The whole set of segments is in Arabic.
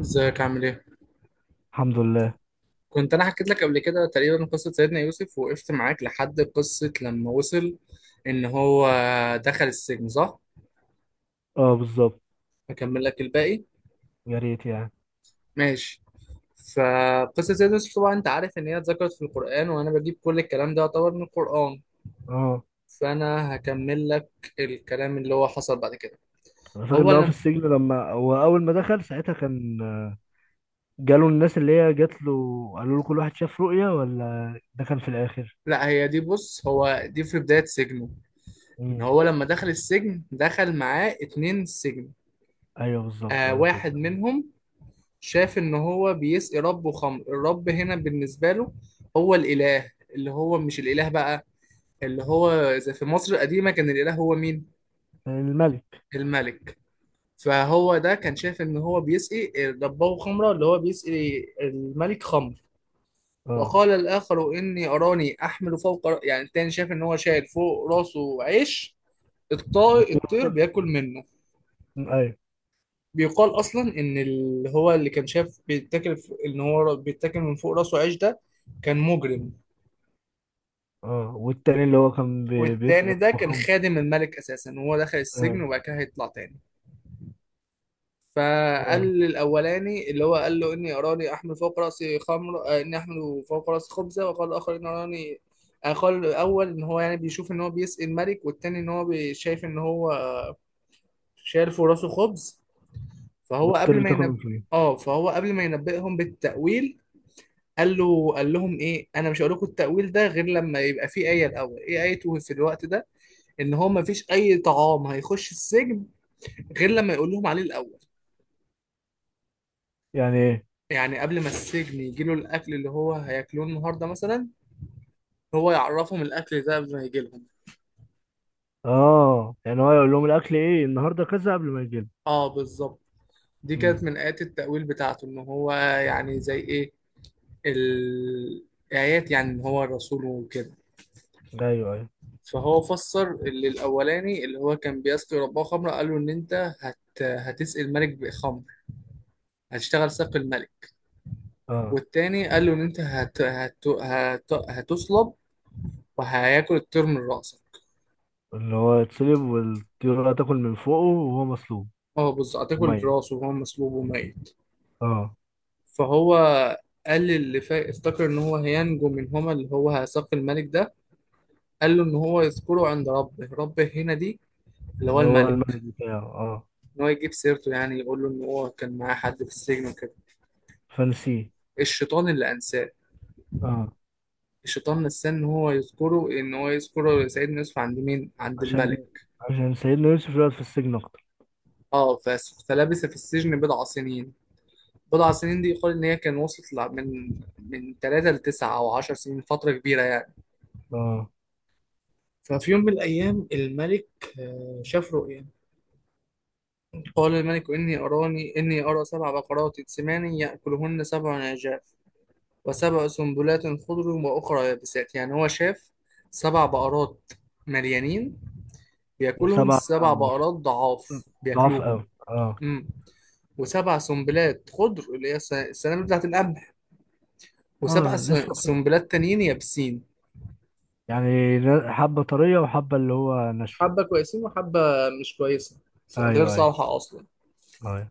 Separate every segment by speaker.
Speaker 1: ازيك عامل ايه؟
Speaker 2: الحمد لله.
Speaker 1: كنت انا حكيت لك قبل كده تقريبا قصة سيدنا يوسف، وقفت معاك لحد قصة لما وصل ان هو دخل السجن، صح؟
Speaker 2: اه، بالظبط.
Speaker 1: هكمل لك الباقي.
Speaker 2: يا ريت يعني.
Speaker 1: ماشي. فقصة سيدنا يوسف طبعا انت عارف ان هي اتذكرت في القرآن، وانا بجيب كل الكلام ده يعتبر من القرآن.
Speaker 2: اه،
Speaker 1: فانا هكمل لك الكلام اللي هو حصل بعد كده.
Speaker 2: انا فاكر
Speaker 1: هو
Speaker 2: ان هو في
Speaker 1: لما
Speaker 2: السجن لما هو اول ما دخل ساعتها كان جاله الناس اللي هي جات له، قالوا له كل واحد شاف رؤية، ولا ده كان في الاخر؟
Speaker 1: لا، هي دي، بص، هو دي في بداية سجنه. ان
Speaker 2: امم
Speaker 1: هو لما دخل السجن دخل معاه اتنين سجن.
Speaker 2: ايوه، بالظبط هو
Speaker 1: واحد
Speaker 2: كده.
Speaker 1: منهم شاف ان هو بيسقي ربه خمر. الرب هنا بالنسبه له هو الاله، اللي هو مش الاله بقى، اللي هو زي في مصر القديمه كان الاله هو مين؟
Speaker 2: الملك.
Speaker 1: الملك. فهو ده كان شاف ان هو بيسقي ربه خمره، اللي هو بيسقي الملك خمر.
Speaker 2: اه،
Speaker 1: وقال الاخر اني اراني احمل فوق يعني التاني شاف ان هو شايل فوق راسه عيش، الطائر
Speaker 2: والتاني
Speaker 1: الطير
Speaker 2: والتاني-
Speaker 1: بياكل منه.
Speaker 2: ايوه.
Speaker 1: بيقال اصلا ان اللي هو اللي كان شاف بيتاكل، ان هو بيتاكل من فوق راسه عيش، ده كان مجرم.
Speaker 2: اه، والتاني اللي هو كان
Speaker 1: والتاني
Speaker 2: بيسأل
Speaker 1: ده كان
Speaker 2: محمد؟
Speaker 1: خادم الملك اساسا، وهو دخل السجن
Speaker 2: ايوه.
Speaker 1: وبعد كده هيطلع تاني. فقال
Speaker 2: اه،
Speaker 1: للاولاني اللي هو قال له اني اراني احمل فوق راسي خمر، اني احمل فوق راسي خبزه، وقال الاخر ان اراني، قال الاول ان هو يعني بيشوف ان هو بيسقي الملك، والتاني ان هو شايف ان هو شايل فوق راسه خبز. فهو
Speaker 2: والطير
Speaker 1: قبل ما
Speaker 2: بتاكل من
Speaker 1: ينب
Speaker 2: فين؟
Speaker 1: اه فهو قبل ما ينبئهم بالتأويل قال لهم ايه: انا مش هقول لكم التأويل ده غير لما يبقى في آية. الاول ايه آيته في الوقت ده؟ ان هو مفيش اي طعام هيخش السجن غير لما يقول لهم عليه الاول.
Speaker 2: يعني ايه؟
Speaker 1: يعني قبل ما السجن يجي له الاكل اللي هو هياكلوه النهارده مثلا، هو يعرفهم الاكل ده قبل ما يجي لهم.
Speaker 2: اه، يعني هو يقول لهم الاكل ايه النهارده كذا قبل ما يجي لهم.
Speaker 1: اه بالظبط. دي كانت
Speaker 2: امم
Speaker 1: من ايات التأويل بتاعته، ان هو يعني زي ايه ال- الايات، يعني ان هو الرسول وكده.
Speaker 2: ايوه، ايوه.
Speaker 1: فهو فسر اللي الاولاني اللي هو كان بيسقي رباه خمره، قال له ان انت هتسقي الملك بخمر، هتشتغل ساقي الملك.
Speaker 2: اه،
Speaker 1: والتاني قال له ان انت هتصلب، وهياكل الطير من راسك.
Speaker 2: اللي هو يتسلب والطيارة تاكل من فوقه وهو مصلوب
Speaker 1: اه بالظبط، هتاكل
Speaker 2: وميت.
Speaker 1: راسه وهو مسلوب وميت.
Speaker 2: اه،
Speaker 1: فهو قال اللي افتكر ان هو هينجو منهما، اللي هو هيثاق الملك ده، قال له ان هو يذكره عند ربه. ربه هنا دي اللي هو
Speaker 2: اللي هو
Speaker 1: الملك.
Speaker 2: الملك بتاعه، اه.
Speaker 1: ان هو يجيب سيرته، يعني يقول له ان هو كان معاه حد في السجن وكده.
Speaker 2: فنسيه.
Speaker 1: الشيطان اللي انساه.
Speaker 2: اه،
Speaker 1: الشيطان نساه ان هو يذكره، سيدنا يوسف عند مين؟ عند الملك.
Speaker 2: عشان عشان سيدنا يوسف يقعد في السجن أكتر.
Speaker 1: اه ف... فلبث في السجن بضع سنين. بضع سنين دي يقال ان هي كان وصلت من 3 ل 9 او 10 سنين، فترة كبيرة يعني.
Speaker 2: اه،
Speaker 1: ففي يوم من الأيام الملك، شاف رؤيا. قال الملك: إني أراني، إني أرى سبع بقرات سمان يأكلهن سبع عجاف، وسبع سنبلات خضر وأخرى يابسات. يعني هو شاف سبع بقرات مليانين بياكلهم
Speaker 2: وسبعة
Speaker 1: سبع
Speaker 2: مصر
Speaker 1: بقرات ضعاف
Speaker 2: ضعف
Speaker 1: بياكلوهم.
Speaker 2: أوي، اه.
Speaker 1: امم وسبع سنبلات خضر اللي هي السنابل بتاعت القمح، وسبع
Speaker 2: اه، لسه
Speaker 1: سنبلات تانيين يابسين.
Speaker 2: يعني حبة طرية وحبة اللي هو ناشفة.
Speaker 1: حبة كويسين، وحبة مش كويسة، غير
Speaker 2: أيوه، أيوه.
Speaker 1: صالحة أصلا.
Speaker 2: أيوه.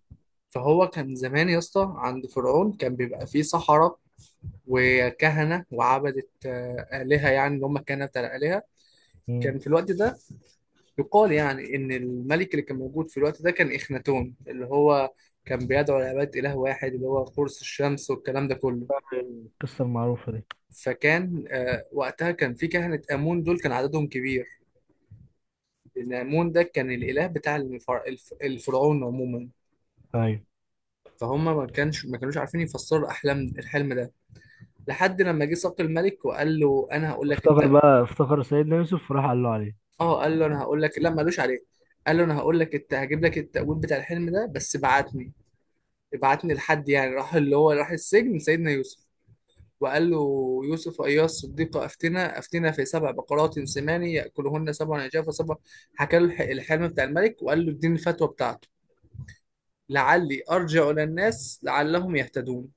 Speaker 1: فهو كان زمان يا اسطى عند فرعون كان بيبقى فيه سحرة وكهنة وعبدة، آلهة، يعني اللي هم الكهنة بتاع الآلهة.
Speaker 2: مم.
Speaker 1: كان في الوقت ده يقال يعني إن الملك اللي كان موجود في الوقت ده كان إخناتون، اللي هو كان بيدعو لعبادة إله واحد اللي هو قرص الشمس والكلام ده كله.
Speaker 2: القصة المعروفة دي.
Speaker 1: فكان، وقتها كان في كهنة آمون، دول كان عددهم كبير، لأن آمون ده كان الإله بتاع الفرعون عموما.
Speaker 2: أيوه.
Speaker 1: فهم ما كانوش عارفين يفسروا الحلم ده. لحد لما جه صبت الملك وقال له انا هقول لك
Speaker 2: افتكر بقى، افتكر سيدنا يوسف وراح قال له عليه.
Speaker 1: اه قال له انا هقول لك، لا مالوش عليه، قال له انا هقول لك هجيب لك التأويل بتاع الحلم ده، بس ابعتني. ابعتني لحد، يعني راح اللي هو راح السجن سيدنا يوسف وقال له: يوسف أيها الصديق، أفتنا أفتنا في سبع بقرات سمان يأكلهن سبع عجاف وسبع، حكى له الحلم بتاع الملك، وقال له اديني الفتوى بتاعته، لعلي أرجع إلى الناس لعلهم يهتدون.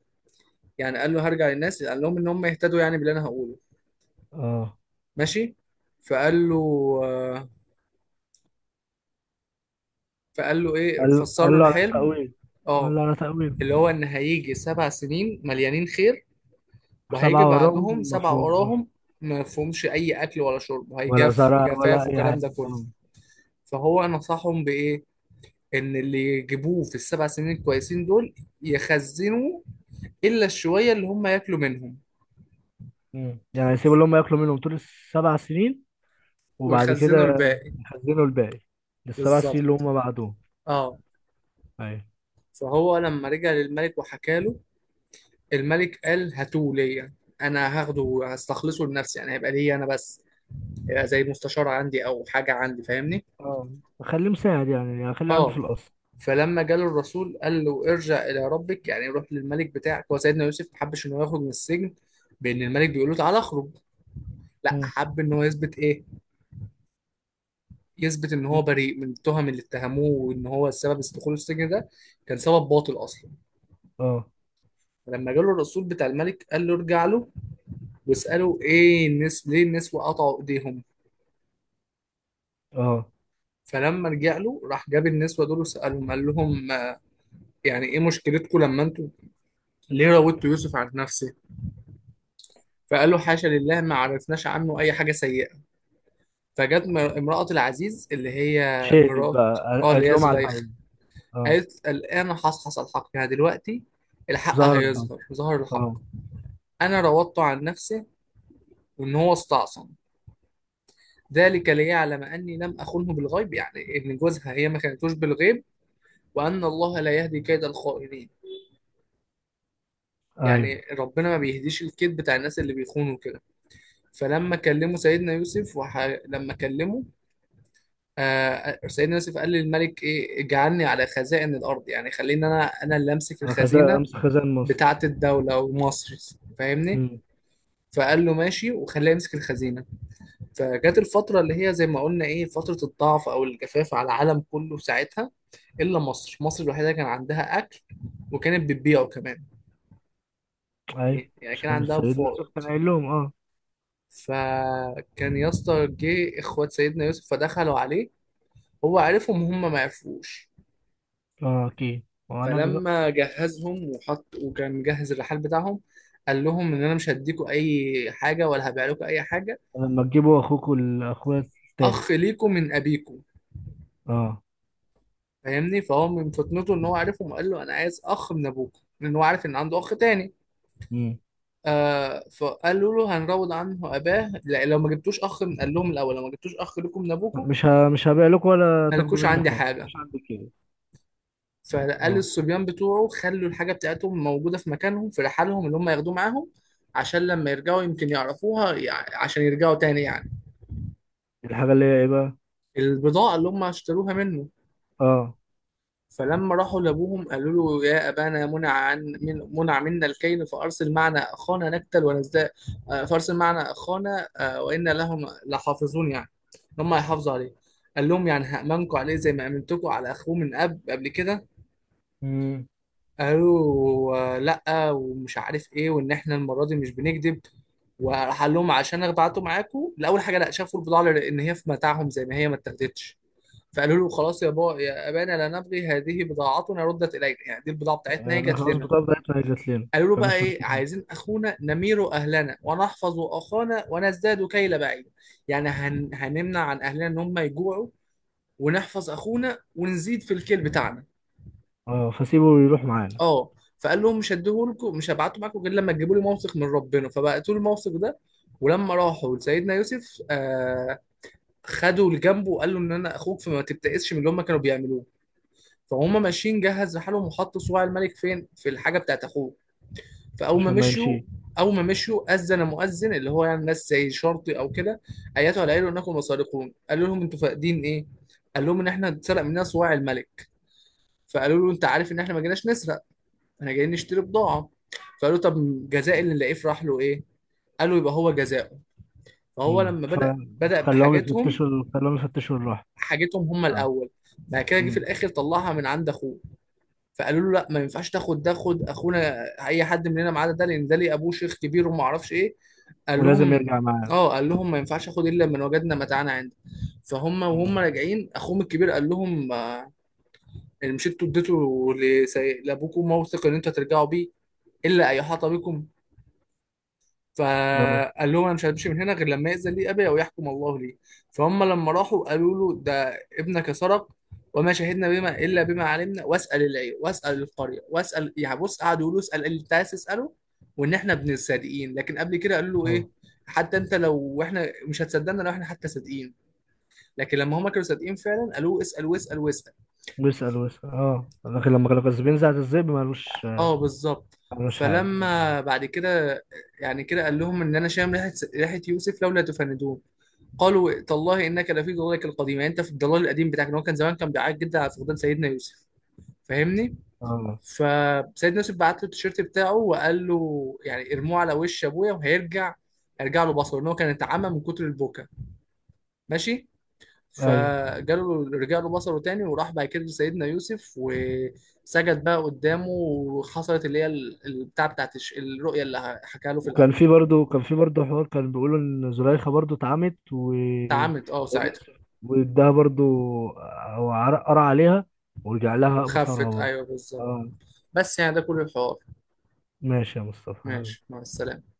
Speaker 1: يعني قال له هرجع للناس قال لهم إن هم يهتدوا يعني باللي أنا هقوله.
Speaker 2: اه،
Speaker 1: ماشي. فقال له، آه، فقال له ايه،
Speaker 2: قال
Speaker 1: فسر له
Speaker 2: قال له على
Speaker 1: الحلم:
Speaker 2: التأويل. قال
Speaker 1: اه
Speaker 2: له على تأويل.
Speaker 1: اللي هو ان هيجي سبع سنين مليانين خير، وهيجي
Speaker 2: سبعة وراهم،
Speaker 1: بعدهم سبع
Speaker 2: مفهوم.
Speaker 1: وراهم ما فيهمش اي اكل ولا شرب،
Speaker 2: ولا
Speaker 1: وهيجف
Speaker 2: زرع ولا
Speaker 1: جفاف
Speaker 2: أي
Speaker 1: وكلام
Speaker 2: حاجة،
Speaker 1: ده كله.
Speaker 2: آه.
Speaker 1: فهو نصحهم بايه؟ ان اللي يجيبوه في السبع سنين الكويسين دول يخزنوا الا الشويه اللي هم ياكلوا منهم،
Speaker 2: مم. يعني هيسيبوا اللي هم ياكلوا منهم طول السبع سنين، وبعد كده
Speaker 1: ويخزنوا الباقي.
Speaker 2: يخزنوا الباقي للسبع سنين اللي
Speaker 1: بالظبط،
Speaker 2: هم بعدهم.
Speaker 1: اه.
Speaker 2: أيوة.
Speaker 1: فهو لما رجع للملك وحكى له، الملك قال هاتوه ليا، انا هاخده هستخلصه لنفسي، يعني هيبقى ليا انا بس. يبقى زي مستشار عندي او حاجه عندي، فاهمني.
Speaker 2: اه، أخليه مساعد، يعني أخليه عنده في
Speaker 1: اه.
Speaker 2: القصر.
Speaker 1: فلما جاله الرسول قال له ارجع الى ربك، يعني روح للملك بتاعك، هو سيدنا يوسف ما حبش انه يخرج من السجن بان الملك بيقول له تعالى اخرج، لا
Speaker 2: مم.
Speaker 1: حب ان هو يثبت ايه، يثبت ان هو بريء من التهم اللي اتهموه، وان هو السبب دخوله السجن ده كان سبب باطل اصلا.
Speaker 2: اه.
Speaker 1: فلما جاله الرسول بتاع الملك قال له ارجع له واساله ايه الناس ليه النسوه قطعوا ايديهم.
Speaker 2: اه،
Speaker 1: فلما رجع له راح جاب النسوه دول وسالهم، قال لهم يعني ايه مشكلتكم، لما انتوا ليه راودت يوسف عن نفسه. فقال له حاشا لله، ما عرفناش عنه اي حاجه سيئه. فجت امراه العزيز اللي هي
Speaker 2: شافت
Speaker 1: مرات،
Speaker 2: بقى
Speaker 1: اه اللي
Speaker 2: قالت
Speaker 1: هي
Speaker 2: لهم على
Speaker 1: زليخه.
Speaker 2: الحقيقة. اه،
Speaker 1: قالت الان حصحص الحق، يعني دلوقتي الحق
Speaker 2: ظهرت بقى.
Speaker 1: هيظهر، ظهر الحق.
Speaker 2: اه.
Speaker 1: انا راودته عن نفسه وان هو استعصم، ذلك ليعلم اني لم اخنه بالغيب، يعني ان جوزها هي ما كانتوش بالغيب، وان الله لا يهدي كيد الخائنين.
Speaker 2: ايوه.
Speaker 1: يعني ربنا ما بيهديش الكيد بتاع الناس اللي بيخونوا كده. فلما كلموا سيدنا يوسف لما كلمه، سيدنا يوسف قال للملك ايه اجعلني على خزائن الارض، يعني خليني انا اللي امسك
Speaker 2: انا خزان
Speaker 1: الخزينه
Speaker 2: امس خزان
Speaker 1: بتاعه
Speaker 2: مصر.
Speaker 1: الدوله ومصر، فاهمني.
Speaker 2: امم
Speaker 1: فقال له ماشي، وخليه يمسك الخزينه. فجت الفتره اللي هي زي ما قلنا ايه، فتره الضعف او الجفاف على العالم كله ساعتها، الا مصر. مصر الوحيده كان عندها اكل وكانت بتبيعه كمان،
Speaker 2: ايوه،
Speaker 1: يعني كان
Speaker 2: عشان
Speaker 1: عندها
Speaker 2: سيدنا
Speaker 1: فائض.
Speaker 2: يوسف كان قايل لهم، اه.
Speaker 1: فكان يا اسطى جه اخوات سيدنا يوسف فدخلوا عليه، هو عرفهم وهم ما عرفوش.
Speaker 2: اه، اكيد. هو نبي بقى.
Speaker 1: فلما جهزهم وكان مجهز الرحال بتاعهم، قال لهم ان انا مش هديكوا اي حاجه ولا هبيع لكم اي حاجه،
Speaker 2: لما تجيبوا اخوكم الاخويا التاني.
Speaker 1: اخ ليكم من ابيكم،
Speaker 2: اه.
Speaker 1: فاهمني. فهو من فطنته ان هو عارفهم، وقال له انا عايز اخ من ابوكم، لان هو عارف ان عنده اخ تاني.
Speaker 2: مم.
Speaker 1: فقالوا له هنروض عنه اباه. لا لو ما جبتوش اخ من قال لهم الاول لو ما جبتوش اخ لكم من ابوكم
Speaker 2: مش هبيع لكم ولا تاخدوا
Speaker 1: مالكوش
Speaker 2: مني
Speaker 1: عندي
Speaker 2: حاجه،
Speaker 1: حاجه.
Speaker 2: مش عندك كده.
Speaker 1: فقال
Speaker 2: اه،
Speaker 1: للصبيان بتوعه خلوا الحاجة بتاعتهم موجودة في مكانهم في رحالهم اللي هم ياخدوه معاهم، عشان لما يرجعوا يمكن يعرفوها، عشان يرجعوا تاني يعني،
Speaker 2: الحاجه اللي هي ايه بقى؟
Speaker 1: البضاعة اللي هم اشتروها منه.
Speaker 2: اه.
Speaker 1: فلما راحوا لأبوهم قالوا له يا أبانا، منع عن من منع منا الكيل، فأرسل معنا أخانا نكتل ونزداد، فأرسل معنا أخانا وإنا لهم لحافظون، يعني هم هيحافظوا عليه. قال لهم يعني هأمنكم عليه زي ما أمنتكم على أخوه من أب قبل كده.
Speaker 2: مم.
Speaker 1: قالوا لا ومش عارف ايه، وان احنا المره دي مش بنكذب. وراح قال لهم عشان اخدعته معاكم الاول حاجه، لا شافوا البضاعه لان هي في متاعهم زي ما هي، ما اتاخدتش. فقالوا له خلاص يا ابانا لا نبغي، هذه بضاعتنا ردت الينا، يعني دي البضاعه بتاعتنا هي
Speaker 2: انا
Speaker 1: جت
Speaker 2: خلاص،
Speaker 1: لنا.
Speaker 2: بطاقة بتاعتنا هي جات لنا،
Speaker 1: قالوا له بقى
Speaker 2: فمش
Speaker 1: ايه،
Speaker 2: محتاجين.
Speaker 1: عايزين اخونا نمير اهلنا ونحفظ اخانا ونزداد كيل بعيد، يعني هنمنع عن اهلنا ان هم يجوعوا، ونحفظ اخونا ونزيد في الكيل بتاعنا.
Speaker 2: اه، فسيبه يروح معانا.
Speaker 1: اه. فقال لهم مش هديهولكم، مش هبعته معاكم غير لما تجيبوا لي موثق من ربنا، فبعتوا له الموثق ده. ولما راحوا لسيدنا يوسف خدوا لجنبه وقال له ان انا اخوك، فما تبتئسش من اللي هم كانوا بيعملوه. فهم ماشيين جهز رحالهم وحطوا صواع الملك فين، في الحاجه بتاعت اخوه. فاول ما
Speaker 2: عشان ما
Speaker 1: مشوا
Speaker 2: يمشي.
Speaker 1: اول ما مشوا اذن مؤذن، اللي هو يعني ناس زي شرطي او كده، ايته على عيله انكم مسارقون. قالوا لهم انتوا فاقدين ايه؟ قال لهم ان احنا اتسرق مننا صواع الملك. فقالوا له انت عارف ان احنا ما جيناش نسرق، احنا جايين نشتري بضاعه. فقالوا طب جزاء اللي نلاقيه في رحله ايه؟ قالوا يبقى هو جزاؤه. فهو
Speaker 2: امم
Speaker 1: لما
Speaker 2: ف...
Speaker 1: بدأ
Speaker 2: فخلاهم يفتشوا، خلاهم يفتشوا الراحة.
Speaker 1: حاجتهم هم
Speaker 2: اه.
Speaker 1: الاول، بعد كده جه في
Speaker 2: امم
Speaker 1: الاخر طلعها من عند اخوه. فقالوا له لا ما ينفعش تاخد ده، خد اخونا، اي حد مننا ما عدا ده، لان ده ليه ابوه شيخ كبير وما اعرفش ايه. قال
Speaker 2: ولازم
Speaker 1: لهم
Speaker 2: يرجع معانا.
Speaker 1: اه قال لهم ما ينفعش اخد الا من وجدنا متاعنا عنده. فهم وهم
Speaker 2: مم.
Speaker 1: راجعين اخوهم الكبير قال لهم، اللي مشيتوا اديته لابوكم موثق ان انتوا هترجعوا بيه الا ان يحاط بكم.
Speaker 2: اه.
Speaker 1: فقال لهم انا مش همشي من هنا غير لما يأذن لي ابي او يحكم الله لي. فهم لما راحوا قالوا له ده ابنك سرق، وما شهدنا بما الا بما علمنا، واسال العير واسال القريه واسال، يعني بص قعدوا يقولوا اسال اللي انت عايز تساله، وان احنا ابن الصادقين. لكن قبل كده قالوا له ايه،
Speaker 2: اه،
Speaker 1: حتى انت لو احنا مش هتصدقنا لو احنا حتى صادقين، لكن لما هم كانوا صادقين فعلا قالوا له اسال واسال واسال.
Speaker 2: ويسأل ويسأل، لكن لما كانوا كسبين ساعة الذئب مالوش،
Speaker 1: اه بالظبط.
Speaker 2: مالوش حاجة.
Speaker 1: فلما بعد كده يعني كده قال لهم ان انا شام ريحه يوسف لولا تفندون. قالوا إيه؟ تالله انك لفي ضلالك القديم، يعني انت في الضلال القديم بتاعك، ان هو كان زمان كان بيعيط جدا على فقدان سيدنا يوسف، فاهمني.
Speaker 2: اه.
Speaker 1: فسيدنا يوسف بعت له التيشيرت بتاعه وقال له يعني ارموه على وش ابويا وهيرجع، هيرجع له بصره، ان هو كان اتعمى من كتر البكا. ماشي.
Speaker 2: ايوه.
Speaker 1: فجاله رجع له بصره تاني، وراح بعد كده لسيدنا يوسف وسجد بقى قدامه، وحصلت اللي هي البتاع بتاعت الرؤية اللي حكى له في
Speaker 2: وكان
Speaker 1: الأول.
Speaker 2: في برضه كان في برضه حوار كان بيقولوا ان زليخا برضه اتعمت، و
Speaker 1: اتعمت اه
Speaker 2: سيدنا
Speaker 1: ساعتها،
Speaker 2: يوسف واداها برضه، او قرا عليها، ورجع لها بصرها
Speaker 1: وخفت،
Speaker 2: برضه.
Speaker 1: ايوه بالظبط.
Speaker 2: اه.
Speaker 1: بس يعني ده كل الحوار.
Speaker 2: ماشي يا مصطفى
Speaker 1: ماشي،
Speaker 2: حبيبي.
Speaker 1: مع السلامة.